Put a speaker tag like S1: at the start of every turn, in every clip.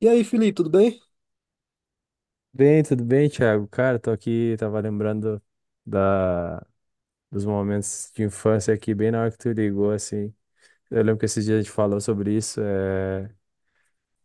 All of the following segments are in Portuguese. S1: E aí, Felipe, tudo bem?
S2: Bem, tudo bem, Thiago? Cara, tô aqui, tava lembrando da, dos momentos de infância aqui, bem na hora que tu ligou, assim. Eu lembro que esses dias a gente falou sobre isso.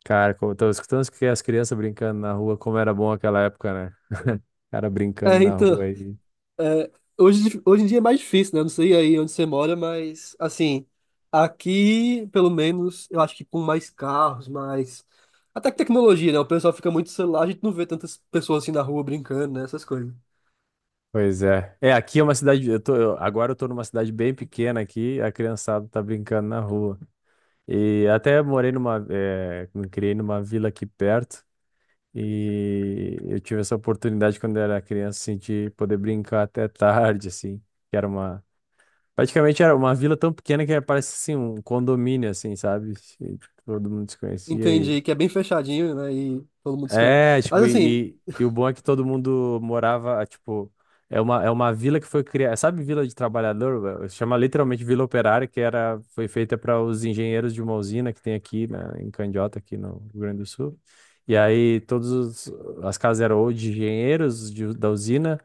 S2: Cara, como eu tava escutando que as crianças brincando na rua, como era bom aquela época, né? Cara brincando
S1: É,
S2: na rua
S1: então,
S2: aí.
S1: é, hoje em dia é mais difícil, né? Eu não sei aí onde você mora, mas, assim, aqui, pelo menos, eu acho que com mais carros, mais. Até que tecnologia, né? O pessoal fica muito no celular, a gente não vê tantas pessoas assim na rua brincando, né? Essas coisas.
S2: Pois é. É, aqui é uma cidade. Agora eu tô numa cidade bem pequena aqui, a criançada tá brincando na rua. E até morei numa. É me criei numa vila aqui perto. E eu tive essa oportunidade quando eu era criança, assim, de poder brincar até tarde, assim, que era uma... praticamente era uma vila tão pequena que parece, assim, um condomínio, assim, sabe? E todo mundo se conhecia.
S1: Entendi que é bem fechadinho, né? E todo mundo se conhece.
S2: É, tipo,
S1: Mas, assim,
S2: e o bom é que todo mundo morava, tipo, é uma vila que foi criada. Sabe Vila de Trabalhador velho? Chama literalmente Vila Operária, que era, foi feita para os engenheiros de uma usina que tem aqui, né, em Candiota, aqui no Rio Grande do Sul. E aí todas as casas eram ou de engenheiros da usina,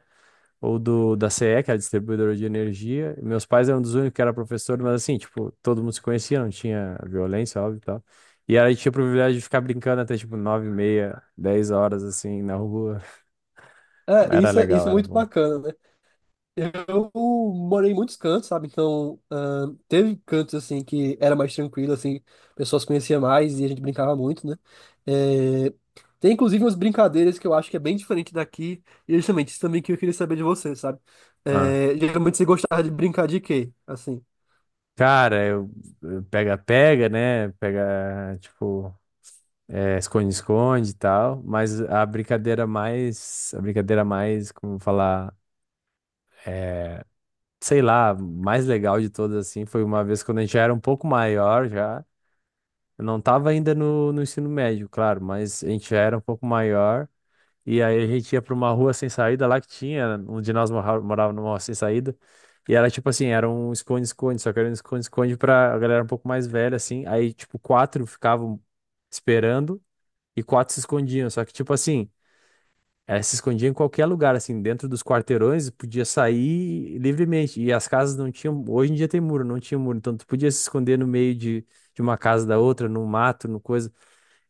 S2: ou do da CE, que é a distribuidora de energia. E meus pais eram dos únicos que era professor, mas assim, tipo, todo mundo se conhecia, não tinha violência, óbvio e tal. E aí tinha o privilégio de ficar brincando até tipo 9h30, 10 horas assim na rua.
S1: é,
S2: Era
S1: isso, isso
S2: legal,
S1: é
S2: era
S1: muito
S2: bom.
S1: bacana, né? Eu morei em muitos cantos, sabe? Então, teve cantos, assim, que era mais tranquilo, assim, pessoas conheciam mais e a gente brincava muito, né? É, tem, inclusive, umas brincadeiras que eu acho que é bem diferente daqui, e justamente isso também que eu queria saber de você, sabe?
S2: Ah.
S1: É, geralmente você gostava de brincar de quê, assim?
S2: Cara, eu pega-pega, né? Pega, tipo, esconde-esconde e tal, mas a brincadeira mais, como falar, é, sei lá, mais legal de todas, assim, foi uma vez quando a gente já era um pouco maior, já, eu não tava ainda no ensino médio, claro, mas a gente já era um pouco maior, e aí a gente ia pra uma rua sem saída lá que tinha, um de nós morava numa rua sem saída. E era tipo assim, era um esconde-esconde, só que era um esconde-esconde pra a galera um pouco mais velha, assim. Aí, tipo, quatro ficavam esperando e quatro se escondiam. Só que, tipo assim, elas se escondiam em qualquer lugar, assim, dentro dos quarteirões, podia sair livremente. E as casas não tinham. Hoje em dia tem muro, não tinha muro. Então tu podia se esconder no meio de uma casa da outra, no mato, no coisa.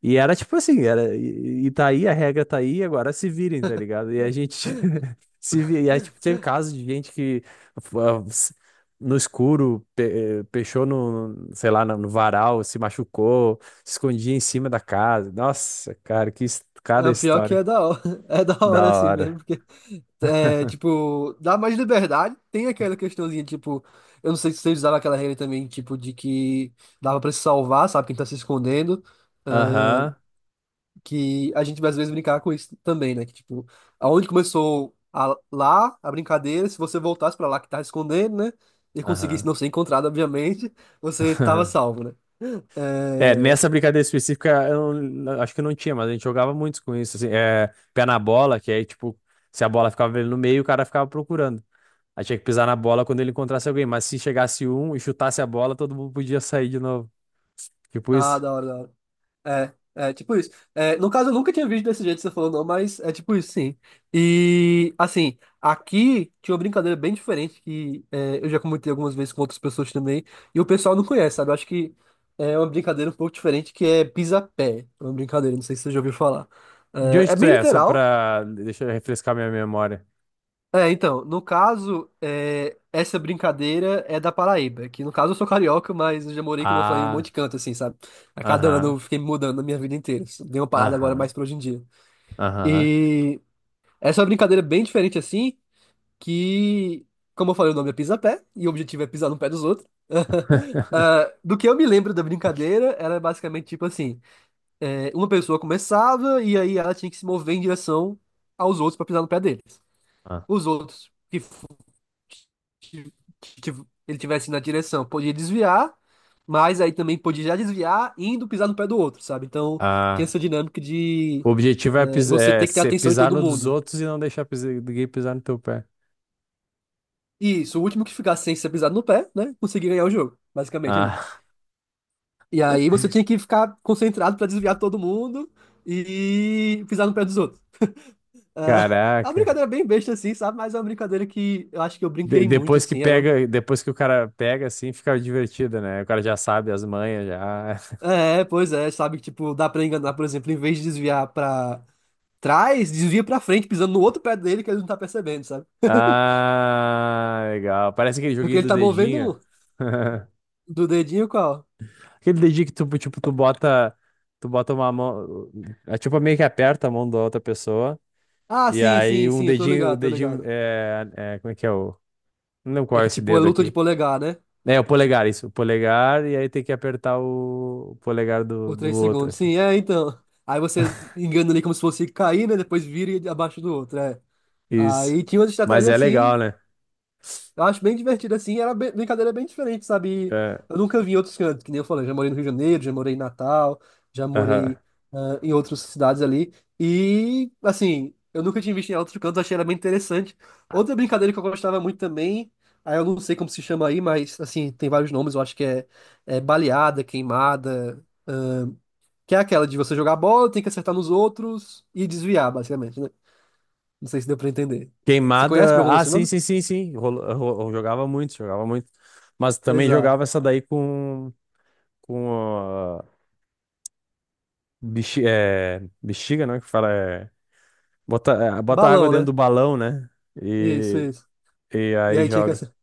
S2: E era tipo assim, era, e tá aí, a regra tá aí, agora se virem, tá ligado? E a gente se vira, e aí, tipo, teve casos de gente que ah, s- no escuro pechou sei lá, no varal, se machucou, se escondia em cima da casa. Nossa, cara, cada
S1: Ah, pior que
S2: história.
S1: é da hora, é da
S2: Da
S1: hora assim mesmo,
S2: hora.
S1: porque, tipo, dá mais liberdade, tem aquela questãozinha, tipo, eu não sei se vocês usavam aquela regra também, tipo, de que dava pra se salvar, sabe, quem tá se escondendo,
S2: Aham,
S1: que a gente vai às vezes brincava com isso também, né, que, tipo, aonde começou lá a brincadeira, se você voltasse pra lá que tá escondendo, né, e conseguisse
S2: aham.
S1: não ser encontrado, obviamente, você estava salvo, né.
S2: É,
S1: É...
S2: nessa brincadeira específica, eu não- acho que não tinha, mas a gente jogava muito com isso, assim, é, pé na bola, que aí, tipo, se a bola ficava ali no meio, o cara ficava procurando. Aí tinha que pisar na bola quando ele encontrasse alguém, mas se chegasse um e chutasse a bola, todo mundo podia sair de novo. Tipo
S1: Ah,
S2: isso.
S1: da hora, da hora. É, tipo isso. É, no caso, eu nunca tinha visto desse jeito que você falou, não, mas é tipo isso, sim. E, assim, aqui tinha uma brincadeira bem diferente que é, eu já comentei algumas vezes com outras pessoas também, e o pessoal não conhece, sabe? Eu acho que é uma brincadeira um pouco diferente que é pisapé. É uma brincadeira, não sei se você já ouviu falar.
S2: De
S1: É,
S2: onde
S1: é
S2: tu
S1: bem
S2: é? Só
S1: literal,
S2: pra. Deixa eu refrescar minha memória.
S1: é, então, no caso, essa brincadeira é da Paraíba, que no caso eu sou carioca, mas eu já morei, que não falei, em um monte
S2: Ah,
S1: de canto, assim, sabe? A cada
S2: aham,
S1: ano eu fiquei me mudando na minha vida inteira. Dei uma parada agora mais
S2: aham,
S1: pra hoje em dia.
S2: aham.
S1: E essa é uma brincadeira bem diferente, assim, que, como eu falei, o nome é pisa-pé, e o objetivo é pisar no pé dos outros. Ah, do que eu me lembro da brincadeira, era basicamente tipo assim: uma pessoa começava e aí ela tinha que se mover em direção aos outros pra pisar no pé deles.
S2: Ah.
S1: Os outros que ele tivesse na direção. Podia desviar, mas aí também podia já desviar indo pisar no pé do outro, sabe? Então tem
S2: Ah.
S1: essa dinâmica de
S2: O objetivo é,
S1: você ter que ter atenção em
S2: pisar
S1: todo
S2: no dos
S1: mundo.
S2: outros e não deixar ninguém pisar no teu pé.
S1: Isso, o último que ficasse sem ser pisado no pé, né? Conseguia ganhar o jogo, basicamente ali.
S2: Ah,
S1: E aí você tinha que ficar concentrado pra desviar todo mundo e pisar no pé dos outros. Ah, é uma
S2: caraca.
S1: brincadeira bem besta assim, sabe? Mas é uma brincadeira que eu acho que eu brinquei muito
S2: Depois que
S1: assim,
S2: pega, depois que o cara pega, assim, fica divertido, né? O cara já sabe as manhas, já.
S1: pois é, sabe? Tipo, dá pra enganar, por exemplo, em vez de desviar pra trás, desvia pra frente, pisando no outro pé dele que ele não tá percebendo, sabe?
S2: Ah, legal. Parece aquele
S1: Porque
S2: joguinho
S1: ele
S2: do
S1: tá
S2: dedinho.
S1: movendo um do dedinho qual?
S2: Aquele dedinho que tu, tipo, tu bota uma mão, tipo, meio que aperta a mão da outra pessoa.
S1: Ah,
S2: E
S1: sim,
S2: aí
S1: sim,
S2: um
S1: sim, eu tô
S2: dedinho, o
S1: ligado, tô
S2: dedinho,
S1: ligado.
S2: como é que é o, não lembro
S1: É
S2: qual é
S1: que
S2: esse
S1: tipo, é
S2: dedo
S1: luta de
S2: aqui.
S1: polegar, né?
S2: É, o polegar, isso, o polegar, e aí tem que apertar o polegar do,
S1: Por
S2: do
S1: três
S2: outro,
S1: segundos.
S2: assim.
S1: Sim, é, então. Aí você engana ali como se fosse cair, né? Depois vira e abaixo do outro, é.
S2: Isso.
S1: Aí tinha uma
S2: Mas
S1: estratégia
S2: é
S1: assim.
S2: legal, né?
S1: Eu acho bem divertido assim, brincadeira bem diferente, sabe? E
S2: É,
S1: eu nunca vi em outros cantos, que nem eu falei, já morei no Rio de Janeiro, já morei em Natal, já
S2: aham.
S1: morei em outras cidades ali. E, assim, eu nunca tinha visto em outros cantos, achei ela bem interessante. Outra brincadeira que eu gostava muito também, aí eu não sei como se chama aí, mas, assim, tem vários nomes, eu acho que é, baleada, queimada, que é aquela de você jogar bola, tem que acertar nos outros e desviar, basicamente, né? Não sei se deu pra entender. Você conhece por
S2: Queimada.
S1: algum
S2: Ah,
S1: desses
S2: sim,
S1: nome?
S2: sim, sim, sim. Jogava muito, jogava muito. Mas também
S1: Exato.
S2: jogava essa daí com, com a bexiga, né? Que fala. Bota água
S1: Balão,
S2: dentro
S1: né?
S2: do balão, né?
S1: Isso,
S2: E,
S1: isso.
S2: e
S1: E
S2: aí
S1: aí tinha que
S2: joga.
S1: ser.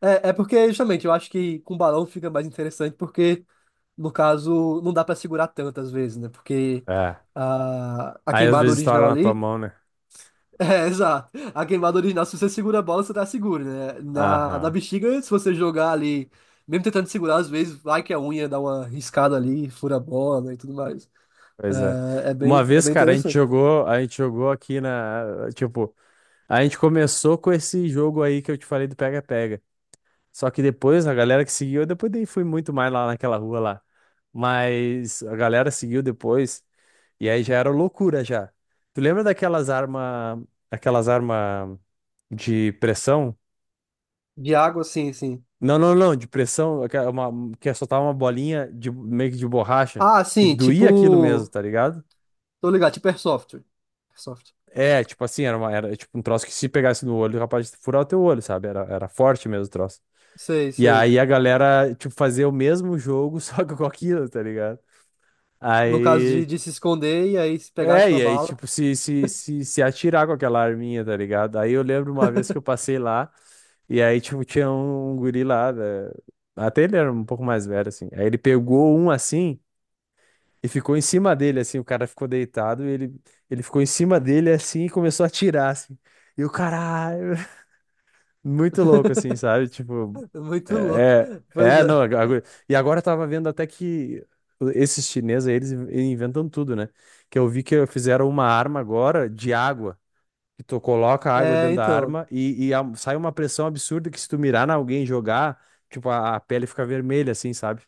S1: É, porque, justamente, eu acho que com balão fica mais interessante, porque, no caso, não dá pra segurar tanto às vezes, né? Porque
S2: É.
S1: a
S2: Aí às
S1: queimada
S2: vezes estoura
S1: original
S2: na tua
S1: ali.
S2: mão, né?
S1: É, exato. A queimada original, se você segura a bola, você tá seguro, né? Na
S2: Aham.
S1: bexiga, se você jogar ali, mesmo tentando segurar, às vezes, vai que a unha dá uma riscada ali, fura a bola, né, e tudo mais.
S2: Pois é.
S1: É, é
S2: Uma
S1: bem, é
S2: vez,
S1: bem
S2: cara,
S1: interessante.
S2: a gente jogou aqui na. Tipo, a gente começou com esse jogo aí que eu te falei do pega-pega. Só que depois, a galera que seguiu, eu depois nem fui muito mais lá naquela rua lá. Mas a galera seguiu depois, e aí já era loucura já. Tu lembra aquelas armas de pressão?
S1: De água, sim, sim.
S2: Não, não, não, de pressão, uma, que é soltar uma bolinha de, meio que de borracha,
S1: Ah,
S2: que
S1: sim,
S2: doía aquilo mesmo,
S1: tipo.
S2: tá ligado?
S1: Tô ligado, tipo Airsoft. Airsoft.
S2: É, tipo assim, era tipo um troço que se pegasse no olho, capaz de furar o teu olho, sabe? Era forte mesmo o troço.
S1: Sei,
S2: E
S1: sei.
S2: aí a galera, tipo, fazia o mesmo jogo, só que com aquilo, tá ligado?
S1: No caso de,
S2: Aí.
S1: de se esconder e aí se pegasse
S2: É,
S1: com a
S2: e aí,
S1: bala,
S2: tipo, se atirar com aquela arminha, tá ligado? Aí eu lembro uma vez que eu passei lá, e aí, tipo, tinha um, guri lá, né? Até ele era um pouco mais velho, assim. Aí ele pegou um assim e ficou em cima dele, assim. O cara ficou deitado e ele ficou em cima dele, assim, e começou a atirar, assim. E o caralho, muito louco, assim, sabe? Tipo,
S1: muito louco. Pois é.
S2: Não. E agora eu tava vendo até que esses chineses, aí, eles inventam tudo, né? Que eu vi que fizeram uma arma agora de água. Que tu coloca a água
S1: É,
S2: dentro da
S1: então.
S2: arma e sai uma pressão absurda que se tu mirar na alguém e jogar, tipo, a pele fica vermelha, assim, sabe?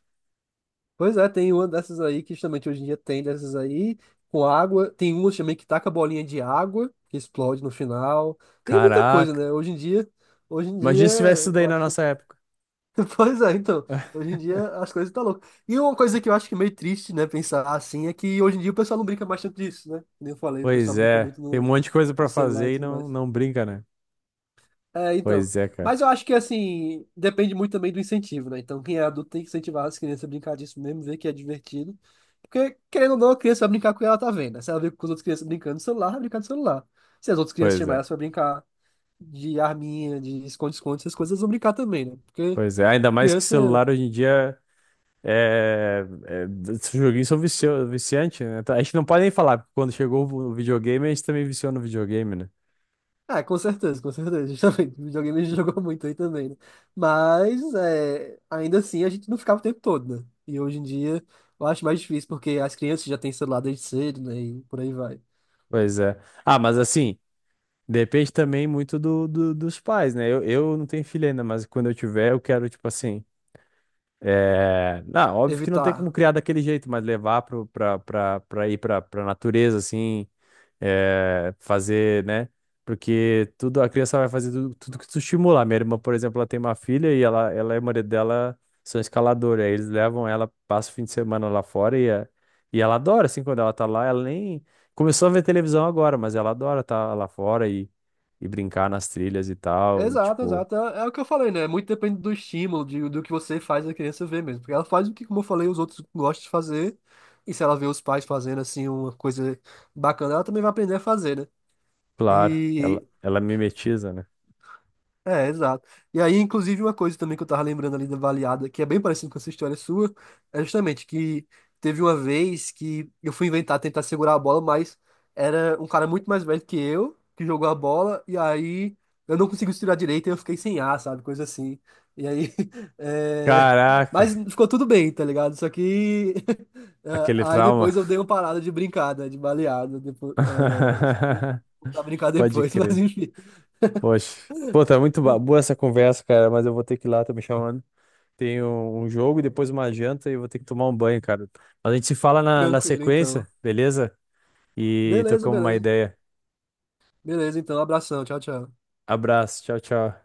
S1: Pois é, tem uma dessas aí que justamente hoje em dia tem dessas aí, com água. Tem uma também que taca bolinha de água, que explode no final. Tem muita coisa, né?
S2: Caraca.
S1: Hoje em dia,
S2: Imagina se tivesse isso daí
S1: eu
S2: na
S1: acho que.
S2: nossa época.
S1: Pois é, então. Hoje em dia as coisas estão loucas. E uma coisa que eu acho que é meio triste, né, pensar assim, é que hoje em dia o pessoal não brinca mais tanto disso, né? Como eu falei, o pessoal
S2: Pois
S1: brinca
S2: é.
S1: muito
S2: Tem um
S1: no,
S2: monte de coisa pra
S1: no celular e
S2: fazer e
S1: tudo
S2: não,
S1: mais.
S2: não brinca, né?
S1: É, então.
S2: Pois é, cara.
S1: Mas eu acho que, assim, depende muito também do incentivo, né? Então, quem é adulto tem que incentivar as crianças a brincar disso mesmo, ver que é divertido. Porque, querendo ou não, a criança vai brincar com o que ela tá vendo, né? Se ela vê com as outras crianças brincando no celular, vai brincar no celular. Se as outras crianças
S2: Pois
S1: chamarem
S2: é.
S1: elas pra brincar de arminha, de esconde-esconde, essas coisas, elas vão brincar também, né? Porque
S2: Pois é. Ainda mais que
S1: criança.
S2: celular hoje em dia. Esses joguinhos são viciantes, né? Tá. A gente não pode nem falar, porque quando chegou o videogame, a gente também viciou no videogame, né?
S1: Ah, com certeza, justamente. O videogame a gente jogou muito aí também, né? Mas, ainda assim, a gente não ficava o tempo todo, né? E hoje em dia, eu acho mais difícil, porque as crianças já têm celular desde cedo, né? E por aí vai.
S2: Pois é. Ah, mas assim, depende também muito dos pais, né? Eu não tenho filho ainda, mas quando eu tiver, eu quero, tipo assim. Não, óbvio que não tem como
S1: Evitar.
S2: criar daquele jeito, mas levar pro, pra, pra, pra ir pra natureza, assim, fazer, né? Porque tudo, a criança vai fazer tudo, tudo que tu estimular. Minha irmã, por exemplo, ela tem uma filha e ela e o marido dela são escaladores. Aí eles levam ela, passa o fim de semana lá fora e ela adora, assim, quando ela tá lá, ela nem começou a ver televisão agora, mas ela adora estar lá fora e brincar nas trilhas e tal. E,
S1: Exato,
S2: tipo,
S1: exato. É, é o que eu falei, né? Muito depende do estímulo, do que você faz a criança ver mesmo. Porque ela faz o que, como eu falei, os outros gostam de fazer. E se ela vê os pais fazendo, assim, uma coisa bacana, ela também vai aprender a fazer, né?
S2: claro, ela,
S1: E
S2: ela mimetiza, né?
S1: É, exato. E aí, inclusive, uma coisa também que eu tava lembrando ali da baleada, que é bem parecido com essa história sua, é justamente que teve uma vez que eu fui inventar tentar segurar a bola, mas era um cara muito mais velho que eu, que jogou a bola, e aí eu não consegui tirar direito e eu fiquei sem ar, sabe? Coisa assim. E aí. é,
S2: Caraca,
S1: Mas ficou tudo bem, tá ligado? Só que.
S2: aquele
S1: Aí
S2: trauma.
S1: depois eu dei uma parada de brincada, de baleada. Depois. Isso aí, vou voltar a brincar
S2: Pode
S1: depois, mas
S2: crer.
S1: enfim.
S2: Poxa. Pô, tá muito boa essa conversa, cara, mas eu vou ter que ir lá, tô me chamando. Tenho um jogo e depois uma janta e eu vou ter que tomar um banho, cara. Mas a gente se fala na
S1: Tranquilo, então.
S2: sequência, beleza? E
S1: Beleza,
S2: trocamos uma
S1: beleza.
S2: ideia.
S1: Beleza, então. Abração. Tchau, tchau.
S2: Abraço, tchau, tchau.